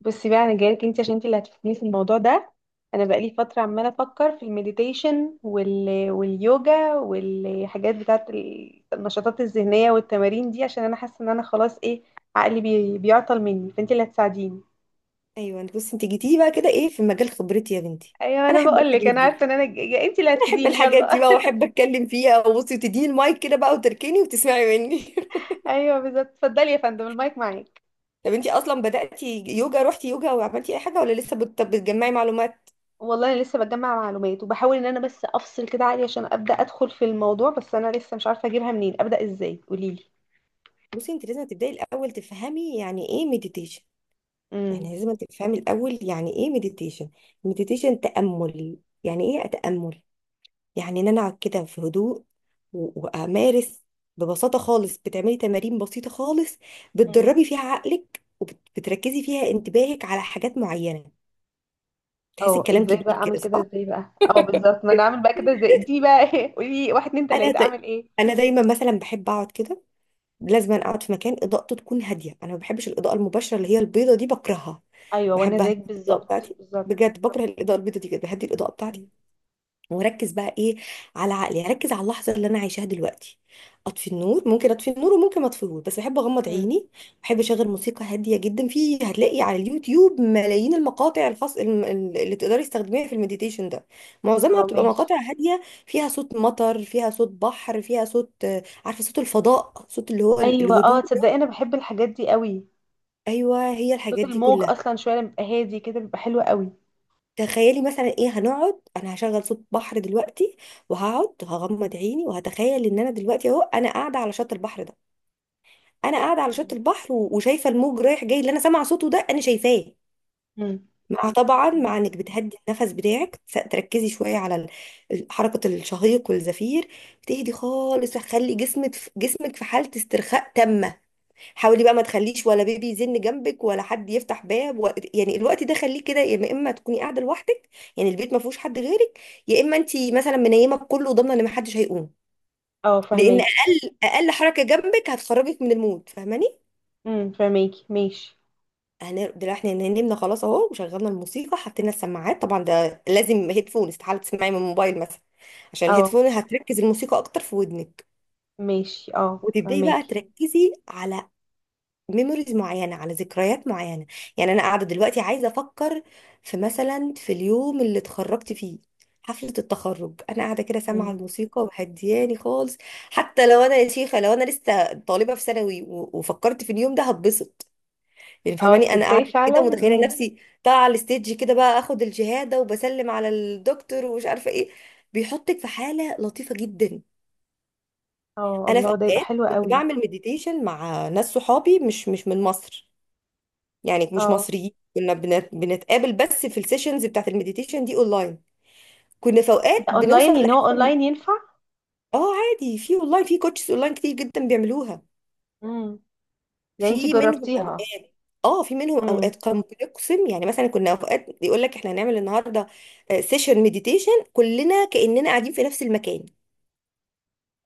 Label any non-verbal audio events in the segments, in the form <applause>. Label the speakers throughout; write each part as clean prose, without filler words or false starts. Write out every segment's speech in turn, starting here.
Speaker 1: بصي بقى، انا جايلك انت عشان انت اللي هتفيدني في الموضوع ده. انا بقالي فتره عماله افكر في المديتيشن واليوجا والحاجات بتاعت النشاطات الذهنيه والتمارين دي، عشان انا حاسه ان انا خلاص ايه، عقلي بيعطل مني، فانت اللي هتساعديني.
Speaker 2: ايوه، انت بصي انت جيتي لي بقى كده، ايه؟ في مجال خبرتي يا بنتي.
Speaker 1: ايوه
Speaker 2: انا
Speaker 1: انا
Speaker 2: احب
Speaker 1: بقول لك
Speaker 2: الحاجات
Speaker 1: انا
Speaker 2: دي.
Speaker 1: عارفه ان انت اللي
Speaker 2: انا احب
Speaker 1: هتفيديني.
Speaker 2: الحاجات
Speaker 1: يلا.
Speaker 2: دي بقى واحب اتكلم فيها، وبصي وتديني المايك كده بقى وتركني وتسمعي مني. <laughs>
Speaker 1: <laughs> ايوه بالظبط، اتفضلي يا فندم المايك معاك.
Speaker 2: طب انت اصلا بداتي يوجا؟ روحتي يوجا وعملتي اي حاجه ولا لسه بتجمعي معلومات؟
Speaker 1: والله انا لسه بجمع معلومات، وبحاول ان انا بس افصل كده عقلي عشان ابدا ادخل في الموضوع، بس انا لسه مش عارفه اجيبها منين، ابدا ازاي؟ قوليلي.
Speaker 2: بصي، انت لازم تبداي الاول تفهمي يعني ايه مديتيشن.
Speaker 1: امم.
Speaker 2: يعني لازم تفهمي الاول يعني ايه مديتيشن. مديتيشن تامل. يعني ايه اتامل؟ يعني ان انا اقعد كده في هدوء وامارس. ببساطه خالص، بتعملي تمارين بسيطه خالص،
Speaker 1: امم.
Speaker 2: بتدربي فيها عقلك وبتركزي فيها انتباهك على حاجات معينه. تحسي
Speaker 1: اه،
Speaker 2: الكلام
Speaker 1: ازاي بقى
Speaker 2: كبير
Speaker 1: اعمل
Speaker 2: كده،
Speaker 1: كده؟
Speaker 2: صح؟
Speaker 1: ازاي بقى؟ اه بالظبط، ما انا اعمل بقى كده ازاي دي بقى؟ <laughs> ايه، قولي لي واحد اتنين
Speaker 2: انا
Speaker 1: تلاته
Speaker 2: دا...
Speaker 1: اعمل ايه؟
Speaker 2: انا دايما مثلا بحب اقعد كده. لازم أنا اقعد في مكان اضاءته تكون هاديه، انا ما بحبش الاضاءه المباشره اللي هي البيضه دي، بكرهها.
Speaker 1: ايوه وانا
Speaker 2: بحب
Speaker 1: زيك
Speaker 2: اهدي الاضاءه
Speaker 1: بالظبط
Speaker 2: بتاعتي.
Speaker 1: بالظبط
Speaker 2: بجد بكره الاضاءه البيضه دي جدا، بهدي الاضاءه بتاعتي.
Speaker 1: مم.
Speaker 2: وركز بقى ايه؟ على عقلي. يعني ركز على اللحظه اللي انا عايشاها دلوقتي. اطفي النور، ممكن اطفي النور وممكن ما اطفيهوش، بس بحب اغمض
Speaker 1: مم.
Speaker 2: عيني. بحب اشغل موسيقى هاديه جدا. في هتلاقي على اليوتيوب ملايين المقاطع الخاص اللي تقدري تستخدميها في المديتيشن ده. معظمها
Speaker 1: اه
Speaker 2: بتبقى
Speaker 1: ماشي.
Speaker 2: مقاطع هاديه فيها صوت مطر، فيها صوت بحر، فيها صوت عارفه، صوت الفضاء، صوت اللي هو
Speaker 1: ايوه، اه
Speaker 2: الهدوء
Speaker 1: تصدقي
Speaker 2: ده.
Speaker 1: انا بحب الحاجات دي قوي.
Speaker 2: ايوه، هي
Speaker 1: صوت
Speaker 2: الحاجات دي
Speaker 1: الموج
Speaker 2: كلها.
Speaker 1: اصلا شويه لما بيبقى هادي كده بيبقى حلو قوي.
Speaker 2: تخيلي مثلا، ايه، هنقعد. انا هشغل صوت بحر دلوقتي وهقعد هغمض عيني وهتخيل ان انا دلوقتي اهو انا قاعده على شط البحر ده. انا قاعده على
Speaker 1: اه.
Speaker 2: شط البحر وشايفه الموج رايح جاي، اللي انا سامعه صوته ده انا شايفاه.
Speaker 1: مم.
Speaker 2: مع، طبعا، مع
Speaker 1: الله.
Speaker 2: انك بتهدي النفس بتاعك، تركزي شويه على حركه الشهيق والزفير. بتهدي خالص، هتخلي جسمك في حاله استرخاء تامه. حاولي بقى ما تخليش ولا بيبي يزن جنبك، ولا حد يفتح باب يعني الوقت ده خليه كده يا اما تكوني قاعده لوحدك، يعني البيت ما فيهوش حد غيرك، يا اما انت مثلا منيمه بكله وضامنه ان ما حدش هيقوم.
Speaker 1: اه
Speaker 2: لان
Speaker 1: فهماكي.
Speaker 2: اقل حركه جنبك هتخرجك من المود، فاهماني.
Speaker 1: فهماكي ماشي.
Speaker 2: انا دلوقتي احنا نمنا خلاص اهو وشغلنا الموسيقى، حطينا السماعات طبعا، ده لازم هيدفون، استحاله تسمعي من الموبايل مثلا. عشان
Speaker 1: اه
Speaker 2: الهيدفون هتركز الموسيقى اكتر في ودنك.
Speaker 1: ماشي، اه
Speaker 2: وتبداي بقى
Speaker 1: فهماكي.
Speaker 2: تركزي على ميموريز معينه، على ذكريات معينه. يعني انا قاعده دلوقتي عايزه افكر في، مثلا، في اليوم اللي اتخرجت فيه، حفله التخرج. انا قاعده كده سامعه
Speaker 1: امم.
Speaker 2: الموسيقى وهدياني خالص. حتى لو انا يا شيخه لو انا لسه طالبه في ثانوي وفكرت في اليوم ده، هتبسط. يعني
Speaker 1: اه
Speaker 2: فاهماني، انا
Speaker 1: تصدقي
Speaker 2: قاعده كده
Speaker 1: فعلا.
Speaker 2: متخيله
Speaker 1: مم.
Speaker 2: نفسي طالعه على الستيج كده بقى، اخد الشهاده وبسلم على الدكتور ومش عارفه ايه. بيحطك في حاله لطيفه جدا.
Speaker 1: اه
Speaker 2: انا في
Speaker 1: الله، ده يبقى
Speaker 2: اوقات
Speaker 1: حلو
Speaker 2: كنت
Speaker 1: قوي.
Speaker 2: بعمل مديتيشن مع ناس صحابي مش من مصر، يعني مش
Speaker 1: اه.
Speaker 2: مصريين. كنا بنتقابل بس في السيشنز بتاعت المديتيشن دي اونلاين. كنا في
Speaker 1: إيه
Speaker 2: اوقات
Speaker 1: ده
Speaker 2: بنوصل
Speaker 1: اونلاين؟ يعني هو
Speaker 2: لحاجه.
Speaker 1: اونلاين ينفع؟
Speaker 2: اه عادي، في اونلاين، في كوتشز اونلاين كتير جدا بيعملوها.
Speaker 1: مم. يعني انتي
Speaker 2: في منهم
Speaker 1: جربتيها؟
Speaker 2: اوقات، اه، في منهم
Speaker 1: امم.
Speaker 2: اوقات كان بيقسم. يعني مثلا كنا اوقات يقول لك احنا هنعمل النهارده سيشن مديتيشن، كلنا كاننا قاعدين في نفس المكان.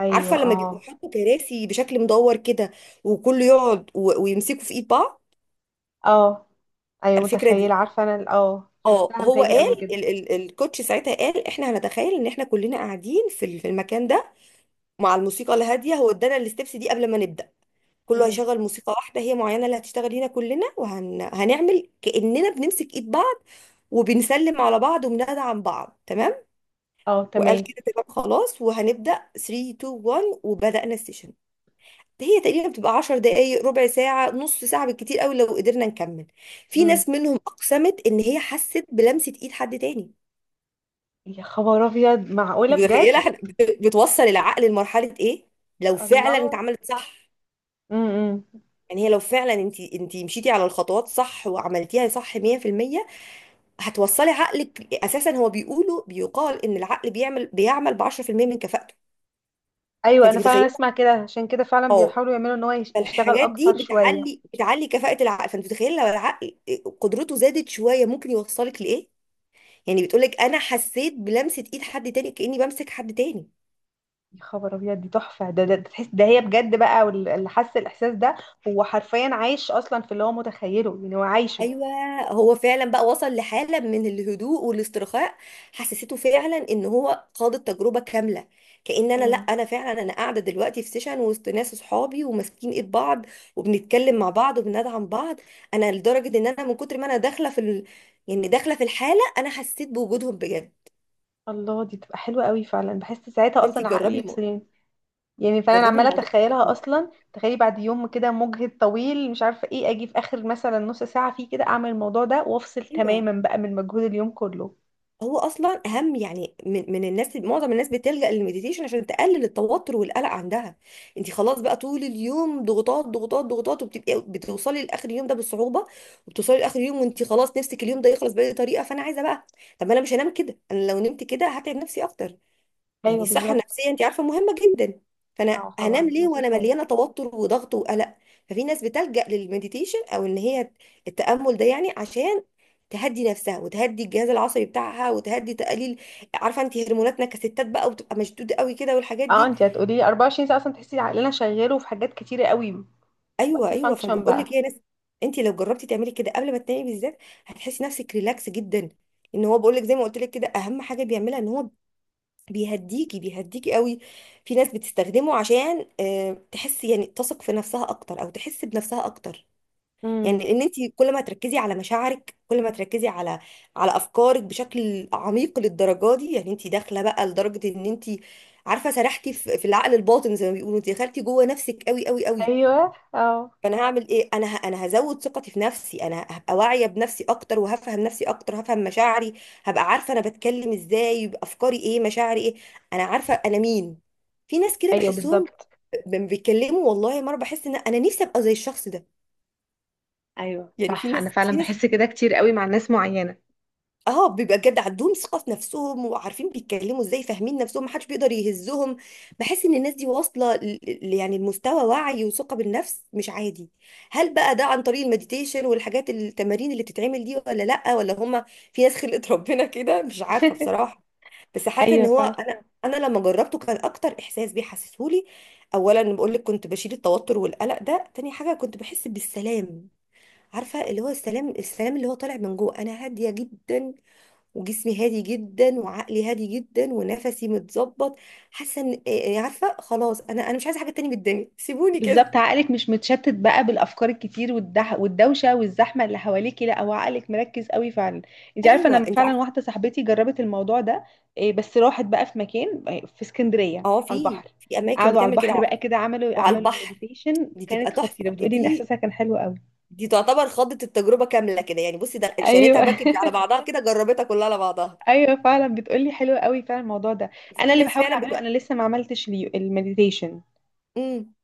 Speaker 1: ايوه
Speaker 2: عارفه لما بيبقوا
Speaker 1: اه.
Speaker 2: حاطوا كراسي بشكل مدور كده، وكله يقعد ويمسكوا في ايد بعض،
Speaker 1: اه. ايوه
Speaker 2: الفكره
Speaker 1: متخيله،
Speaker 2: دي.
Speaker 1: عارفه انا اه
Speaker 2: اه،
Speaker 1: شفتها
Speaker 2: هو
Speaker 1: متهيألي قبل كده.
Speaker 2: قال، ال الكوتش ساعتها قال احنا هنتخيل ان احنا كلنا قاعدين في في المكان ده مع الموسيقى الهاديه. هو ادانا الستبس دي قبل ما نبدا. كله
Speaker 1: امم.
Speaker 2: هيشغل موسيقى واحده هي معينه، اللي هتشتغل هنا كلنا، هنعمل كاننا بنمسك ايد بعض وبنسلم على بعض وبندعم بعض، تمام.
Speaker 1: اه
Speaker 2: وقال
Speaker 1: تمام.
Speaker 2: كده تمام خلاص، وهنبدا 3 2 1، وبدانا السيشن. هي تقريبا بتبقى 10 دقائق، ربع ساعه، نص ساعه بالكتير قوي لو قدرنا نكمل. في
Speaker 1: امم.
Speaker 2: ناس منهم اقسمت ان هي حست بلمسه ايد حد تاني.
Speaker 1: يا خبر ابيض،
Speaker 2: انت
Speaker 1: معقوله
Speaker 2: متخيله
Speaker 1: بجد؟
Speaker 2: احنا بتوصل العقل لمرحله ايه لو فعلا
Speaker 1: الله.
Speaker 2: اتعملت صح؟
Speaker 1: امم.
Speaker 2: يعني هي لو فعلا انت مشيتي على الخطوات صح وعملتيها صح 100%، هتوصلي عقلك. اساسا هو بيقولوا، بيقال ان العقل بيعمل ب 10% من كفاءته،
Speaker 1: ايوه
Speaker 2: فانت
Speaker 1: انا فعلا
Speaker 2: متخيله.
Speaker 1: اسمع كده، عشان كده فعلا
Speaker 2: اه،
Speaker 1: بيحاولوا يعملوا ان هو يشتغل
Speaker 2: فالحاجات دي
Speaker 1: اكتر شويه.
Speaker 2: بتعلي كفاءه العقل، فانت متخيله لو العقل قدرته زادت شويه ممكن يوصلك لايه. يعني بتقولك انا حسيت بلمسه ايد حد تاني، كاني بمسك حد تاني.
Speaker 1: يا خبر ابيض، دي تحفه. ده تحس ده هي بجد بقى، اللي حس الاحساس ده هو حرفيا عايش اصلا في اللي هو متخيله، يعني هو عايشه.
Speaker 2: ايوه، هو فعلا بقى وصل لحاله من الهدوء والاسترخاء، حسسته فعلا ان هو خاض التجربه كامله. كأن انا، لا،
Speaker 1: امم.
Speaker 2: انا فعلا انا قاعده دلوقتي في سيشن وسط ناس اصحابي وماسكين ايد بعض وبنتكلم مع بعض وبندعم بعض. انا لدرجه ان انا من كتر ما انا داخله في يعني داخله في الحاله، انا حسيت بوجودهم بجد.
Speaker 1: الله، دي تبقى حلوه قوي. فعلا بحس ساعتها
Speaker 2: فانتي
Speaker 1: اصلا عقلي
Speaker 2: جربي
Speaker 1: يفصل
Speaker 2: الموضوع.
Speaker 1: يعني. يعني فانا
Speaker 2: جربي
Speaker 1: عماله
Speaker 2: الموضوع.
Speaker 1: اتخيلها اصلا. تخيلي بعد يوم كده مجهد طويل مش عارفه ايه، اجي في اخر مثلا نص ساعه فيه كده اعمل الموضوع ده وافصل
Speaker 2: ايوه،
Speaker 1: تماما بقى من مجهود اليوم كله.
Speaker 2: هو اصلا اهم يعني من الناس، معظم الناس بتلجأ للمديتيشن عشان تقلل التوتر والقلق عندها. انت خلاص بقى طول اليوم ضغوطات ضغوطات ضغوطات، وبتبقي بتوصلي لاخر اليوم ده بالصعوبه. وبتوصلي لاخر اليوم وانت خلاص نفسك اليوم ده يخلص باي طريقه، فانا عايزه بقى. طب ما انا مش هنام كده، انا لو نمت كده هتعب نفسي اكتر. يعني
Speaker 1: ايوه
Speaker 2: الصحة
Speaker 1: بالظبط.
Speaker 2: النفسية انت عارفة مهمة جدا. فانا
Speaker 1: اه
Speaker 2: هنام
Speaker 1: طبعا
Speaker 2: ليه
Speaker 1: مساس
Speaker 2: وانا
Speaker 1: حاجه.
Speaker 2: مليانة توتر وضغط وقلق؟ ففي ناس بتلجأ للمديتيشن، او ان هي التأمل ده، يعني عشان تهدي نفسها وتهدي الجهاز العصبي بتاعها وتهدي، تقليل، عارفة انت هرموناتنا كستات بقى وبتبقى مشدودة قوي كده والحاجات
Speaker 1: اه
Speaker 2: دي.
Speaker 1: انت هتقولي لي 24 ساعه اصلا تحسي عقلنا شغال، وفي حاجات كتيره قوي.
Speaker 2: ايوه
Speaker 1: مالتي
Speaker 2: ايوه،
Speaker 1: فانكشن
Speaker 2: فبقول لك
Speaker 1: بقى.
Speaker 2: يا ناس، انت لو جربتي تعملي كده قبل ما تنامي بالذات، هتحسي نفسك ريلاكس جدا. ان هو بقول لك زي ما قلت لك كده، اهم حاجة بيعملها ان هو بيهديكي قوي. في ناس بتستخدمه عشان تحس، يعني تثق في نفسها اكتر او تحس بنفسها اكتر.
Speaker 1: امم.
Speaker 2: يعني ان انت كل ما تركزي على مشاعرك، كل ما تركزي على على افكارك بشكل عميق للدرجه دي، يعني انت داخله بقى لدرجه ان انت، عارفه، سرحتي في العقل الباطن زي ما بيقولوا، انت دخلتي جوه نفسك قوي قوي قوي.
Speaker 1: ايوه اه.
Speaker 2: فانا هعمل ايه؟ انا هزود ثقتي في نفسي، انا هبقى واعيه بنفسي اكتر وهفهم نفسي اكتر، هفهم مشاعري، هبقى عارفه انا بتكلم ازاي، يبقى افكاري ايه، مشاعري ايه، انا عارفه انا مين. في ناس كده
Speaker 1: ايوه
Speaker 2: بحسهم
Speaker 1: بالظبط.
Speaker 2: بيتكلموا والله مره، بحس ان انا نفسي ابقى زي الشخص ده.
Speaker 1: ايوه
Speaker 2: يعني في
Speaker 1: صح، انا
Speaker 2: ناس
Speaker 1: فعلا
Speaker 2: في ناس
Speaker 1: بحس كده كتير قوي مع ناس معينه.
Speaker 2: اه، بيبقى بجد عندهم ثقة في نفسهم وعارفين بيتكلموا ازاي، فاهمين نفسهم، محدش بيقدر يهزهم. بحس ان الناس دي واصلة يعني لمستوى وعي وثقة بالنفس مش عادي. هل بقى ده عن طريق المديتيشن والحاجات التمارين اللي بتتعمل دي، ولا لأ، ولا هما في ناس خلقت ربنا كده؟ مش عارفة
Speaker 1: <laughs>
Speaker 2: بصراحة. بس حاسة ان
Speaker 1: ايوه
Speaker 2: هو
Speaker 1: فعلا.
Speaker 2: انا، انا لما جربته كان اكتر احساس بيحسسهولي، اولا بقول لك كنت بشيل التوتر والقلق ده، تاني حاجة كنت بحس بالسلام. عارفة، اللي هو السلام، السلام اللي هو طالع من جوه، انا هادية جدا وجسمي هادي جدا وعقلي هادي جدا ونفسي متظبط. حاسه ان عارفه، خلاص انا انا مش عايزه حاجه تانية من الدنيا <laughs> سيبوني كده.
Speaker 1: بالظبط، عقلك مش متشتت بقى بالافكار الكتير والدح والدوشه والزحمه اللي حواليكي، لا هو عقلك مركز قوي فعلا. انت عارفه،
Speaker 2: ايوه
Speaker 1: انا
Speaker 2: انت
Speaker 1: فعلا
Speaker 2: عارفه.
Speaker 1: واحده صاحبتي جربت الموضوع ده. إيه، بس راحت بقى في مكان إيه، في اسكندريه،
Speaker 2: اه،
Speaker 1: على
Speaker 2: في
Speaker 1: البحر.
Speaker 2: في اماكن
Speaker 1: قعدوا على
Speaker 2: بتعمل كده
Speaker 1: البحر بقى كده، عملوا
Speaker 2: وعلى
Speaker 1: عملوا
Speaker 2: البحر.
Speaker 1: المديتيشن،
Speaker 2: دي تبقى
Speaker 1: كانت خطيره
Speaker 2: تحفه، دي
Speaker 1: بتقولي ان
Speaker 2: دي
Speaker 1: احساسها كان حلو قوي.
Speaker 2: دي تعتبر خضت التجربه كامله كده، يعني بصي ده شريتها
Speaker 1: ايوه.
Speaker 2: باكج على بعضها كده، جربتها كلها على بعضها.
Speaker 1: <laughs> ايوه فعلا بتقولي حلو قوي فعلا الموضوع ده. انا
Speaker 2: وفي
Speaker 1: اللي
Speaker 2: ناس
Speaker 1: بحاول
Speaker 2: فعلا
Speaker 1: اعمله،
Speaker 2: بت...
Speaker 1: انا لسه ما عملتش ليه المديتيشن،
Speaker 2: امم،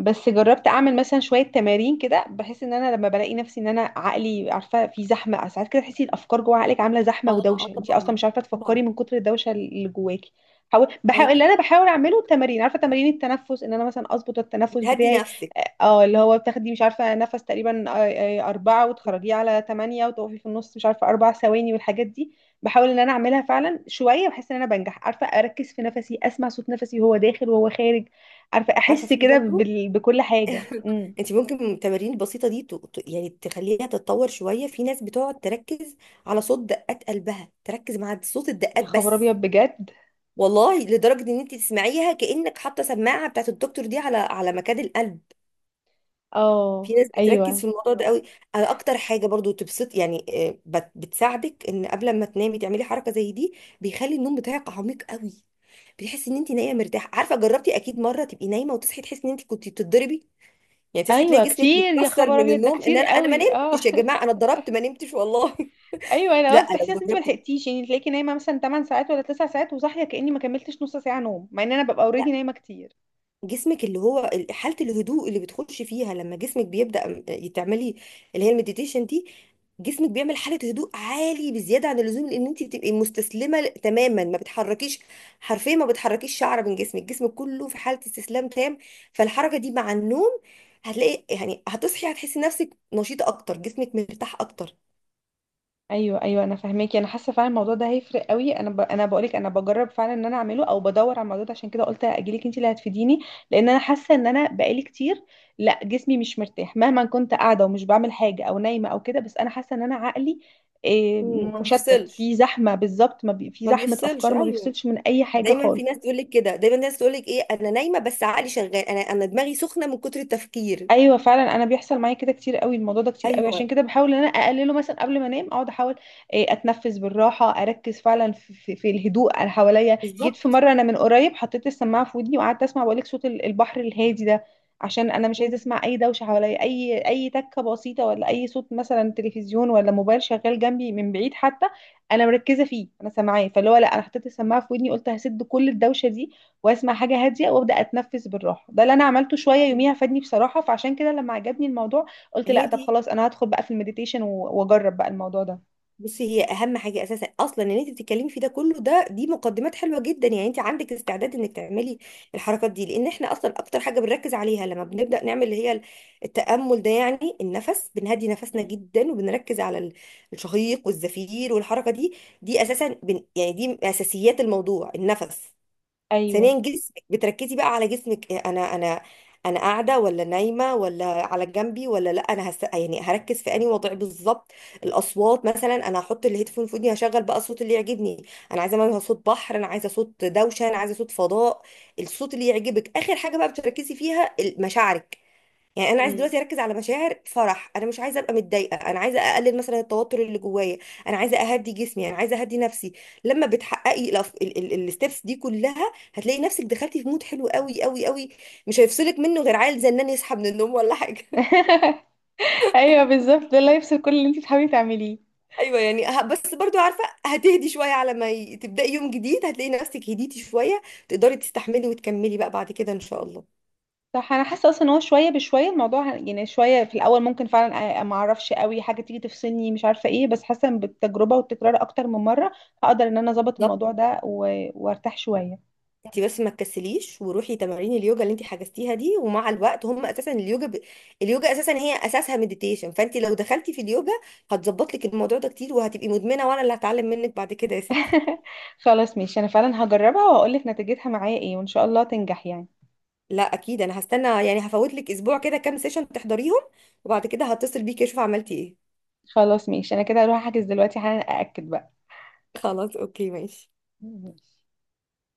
Speaker 1: بس جربت اعمل مثلا شويه تمارين كده. بحس ان انا لما بلاقي نفسي ان انا عقلي، عارفه، في زحمه ساعات كده. تحسي الافكار جوه عقلك عامله زحمه
Speaker 2: اه، اه
Speaker 1: ودوشه، انت اصلا
Speaker 2: طبعا،
Speaker 1: مش عارفه
Speaker 2: طبعا.
Speaker 1: تفكري من كتر الدوشه اللي جواكي. بحاول اللي
Speaker 2: ايوه،
Speaker 1: انا بحاول اعمله التمارين، عارفه، تمارين التنفس، ان انا مثلا اظبط التنفس
Speaker 2: بتهدي
Speaker 1: بتاعي.
Speaker 2: نفسك.
Speaker 1: اه اللي هو بتاخدي مش عارفة نفس تقريبا 4 وتخرجيه على 8 وتقفي في النص مش عارفة 4 ثواني، والحاجات دي. بحاول إن أنا أعملها فعلا شوية، بحس إن أنا بنجح، عارفة أركز في نفسي، أسمع صوت نفسي وهو داخل وهو خارج، عارفة
Speaker 2: عارفه،
Speaker 1: أحس
Speaker 2: في
Speaker 1: كده
Speaker 2: برضو
Speaker 1: بكل حاجة. امم.
Speaker 2: <laughs> انت ممكن من التمارين البسيطه دي يعني تخليها تتطور شويه. في ناس بتقعد تركز على صوت دقات قلبها، تركز مع صوت
Speaker 1: يا
Speaker 2: الدقات
Speaker 1: خبر
Speaker 2: بس.
Speaker 1: أبيض بجد.
Speaker 2: والله لدرجه ان انت تسمعيها كانك حاطه سماعه بتاعت الدكتور دي على على مكان القلب.
Speaker 1: اه.
Speaker 2: في ناس بتركز
Speaker 1: أيوه.
Speaker 2: في الموضوع ده قوي. انا اكتر حاجه برضو تبسط يعني، بتساعدك ان قبل ما تنامي تعملي حركه زي دي. بيخلي النوم بتاعك عميق قوي. بتحسي ان انت نايمه مرتاحه. عارفه جربتي اكيد مره تبقي نايمه وتصحي تحسي ان انت كنت بتتضربي، يعني تصحي تلاقي
Speaker 1: أيوه
Speaker 2: جسمك
Speaker 1: كتير، يا
Speaker 2: متكسر
Speaker 1: خبر
Speaker 2: من
Speaker 1: أبيض ده
Speaker 2: النوم، ان
Speaker 1: كتير
Speaker 2: انا، ما
Speaker 1: قوي اه.
Speaker 2: نمتش يا جماعه، انا
Speaker 1: <laughs>
Speaker 2: اتضربت ما نمتش والله.
Speaker 1: أيوه أنا
Speaker 2: <laughs> لا،
Speaker 1: أصلا تحسي
Speaker 2: لو
Speaker 1: أصلا أنت
Speaker 2: جربتي،
Speaker 1: ملحقتيش، يعني تلاقيكي نايمة مثلا 8 ساعات ولا 9 ساعات، وصاحية كأني ما كملتش نص ساعة نوم، مع إن أنا ببقى
Speaker 2: لا،
Speaker 1: أوريدي نايمة كتير.
Speaker 2: جسمك، اللي هو حاله الهدوء اللي بتخش فيها لما جسمك تعملي اللي هي المديتيشن دي، جسمك بيعمل حاله هدوء عالي بزياده عن اللزوم، لان انت بتبقي مستسلمه تماما، ما بتحركيش، حرفيا ما بتحركيش شعره من جسمك، جسمك كله في حاله استسلام تام. فالحركه دي مع النوم، هتلاقي، يعني هتصحي هتحسي نفسك نشيطه اكتر، جسمك مرتاح اكتر.
Speaker 1: ايوه ايوه انا فاهماكي. انا حاسه فعلا الموضوع ده هيفرق قوي. انا انا بقولك انا بجرب فعلا ان انا اعمله او بدور على الموضوع ده، عشان كده قلت اجيلك انت اللي هتفيديني. لان انا حاسه ان انا بقالي كتير، لا جسمي مش مرتاح مهما كنت قاعده ومش بعمل حاجه او نايمه او كده، بس انا حاسه ان انا عقلي إيه،
Speaker 2: مم. ما
Speaker 1: مشتت
Speaker 2: بيفصلش،
Speaker 1: في زحمه بالظبط. ما بي... في
Speaker 2: ما
Speaker 1: زحمه
Speaker 2: بيفصلش،
Speaker 1: افكار، ما
Speaker 2: ايوه.
Speaker 1: بيفصلش من اي حاجه
Speaker 2: دايما في ناس
Speaker 1: خالص.
Speaker 2: تقول لك كده، دايما ناس تقول لك ايه، انا نايمه بس عقلي شغال، انا دماغي سخنه من كتر التفكير.
Speaker 1: ايوه فعلا، انا بيحصل معايا كده كتير قوي الموضوع ده، كتير قوي. عشان
Speaker 2: ايوه،
Speaker 1: كده بحاول ان انا اقلله. مثلا قبل ما انام اقعد احاول إيه، اتنفس بالراحه، اركز فعلا في الهدوء اللي حواليا. جيت في
Speaker 2: بالظبط.
Speaker 1: مره انا من قريب حطيت السماعه في ودني وقعدت اسمع، بقولك صوت البحر الهادي ده، عشان انا مش
Speaker 2: مم.
Speaker 1: عايزه اسمع اي دوشه حواليا، اي تكه بسيطه ولا اي صوت مثلا تلفزيون ولا موبايل شغال جنبي من بعيد حتى. انا مركزه فيه، انا سامعاه، فاللي هو لا، انا حطيت السماعه في ودني قلت هسد كل الدوشه دي واسمع حاجه هاديه وابدا اتنفس بالراحه. ده اللي انا عملته شويه يوميها، فادني بصراحه، فعشان كده لما عجبني الموضوع قلت لا
Speaker 2: هي
Speaker 1: طب
Speaker 2: دي.
Speaker 1: خلاص انا هدخل بقى في المديتيشن واجرب بقى الموضوع ده.
Speaker 2: بصي، هي اهم حاجه اساسا اصلا، ان انت بتتكلمي في ده كله ده، دي مقدمات حلوه جدا، يعني انت عندك استعداد انك تعملي الحركات دي. لان احنا اصلا اكتر حاجه بنركز عليها لما بنبدا نعمل اللي هي التامل ده، يعني النفس، بنهدي نفسنا
Speaker 1: مم.
Speaker 2: جدا وبنركز على الشهيق والزفير والحركه دي. دي اساسا يعني دي من اساسيات الموضوع، النفس.
Speaker 1: ايوه.
Speaker 2: ثانيا جسمك، بتركزي بقى على جسمك، إيه، انا قاعده ولا نايمه ولا على جنبي، ولا لا يعني هركز في انهي وضع بالظبط. الاصوات، مثلا انا هحط الهيدفون في ودني، هشغل بقى الصوت اللي يعجبني. انا عايزه مثلا صوت بحر، انا عايزه صوت دوشه، انا عايزه صوت فضاء، الصوت اللي يعجبك. اخر حاجه بقى بتركزي فيها مشاعرك، يعني انا عايزه
Speaker 1: مم.
Speaker 2: دلوقتي اركز على مشاعر فرح، انا مش عايزه ابقى متضايقه، انا عايزه اقلل مثلا التوتر اللي جوايا، انا عايزه اهدي جسمي، انا عايزه اهدي نفسي. لما بتحققي الستبس دي كلها، هتلاقي نفسك دخلتي في مود حلو قوي قوي قوي، مش هيفصلك منه غير عيل زنان يصحى من النوم ولا حاجه. <laughs>
Speaker 1: <laughs> ايوه بالظبط، ده اللي يفصل كل اللي انت بتحاولي تعمليه.
Speaker 2: ايوه، يعني بس برضو عارفه هتهدي شويه، على ما تبداي يوم جديد هتلاقي نفسك هديتي شويه، تقدري تستحملي وتكملي بقى بعد كده ان شاء الله.
Speaker 1: صح. انا حاسه اصلا ان هو شويه بشويه الموضوع يعني شويه في الاول ممكن فعلا ما اعرفش قوي حاجه تيجي تفصلني مش عارفه ايه، بس حاسه إن بالتجربه والتكرار اكتر من مره هقدر ان انا اظبط
Speaker 2: بالظبط.
Speaker 1: الموضوع ده وارتاح شويه.
Speaker 2: انت بس ما تكسليش وروحي تمارين اليوجا اللي انت حجزتيها دي، ومع الوقت هم اساسا اليوجا اساسا هي اساسها مديتيشن، فانت لو دخلتي في اليوجا هتظبط لك الموضوع ده كتير، وهتبقي مدمنه، وانا اللي هتعلم منك بعد كده يا ستي.
Speaker 1: <laughs> خلاص ماشي، انا فعلا هجربها واقول لك نتيجتها معايا ايه، وان شاء الله تنجح يعني.
Speaker 2: لا اكيد، انا هستنى يعني هفوت لك اسبوع كده، كام سيشن تحضريهم وبعد كده هتصل بيكي اشوف عملتي ايه.
Speaker 1: خلاص ماشي، انا كده هروح احجز دلوقتي حالا ااكد بقى.
Speaker 2: خلاص اوكي ماشي.
Speaker 1: ماشي.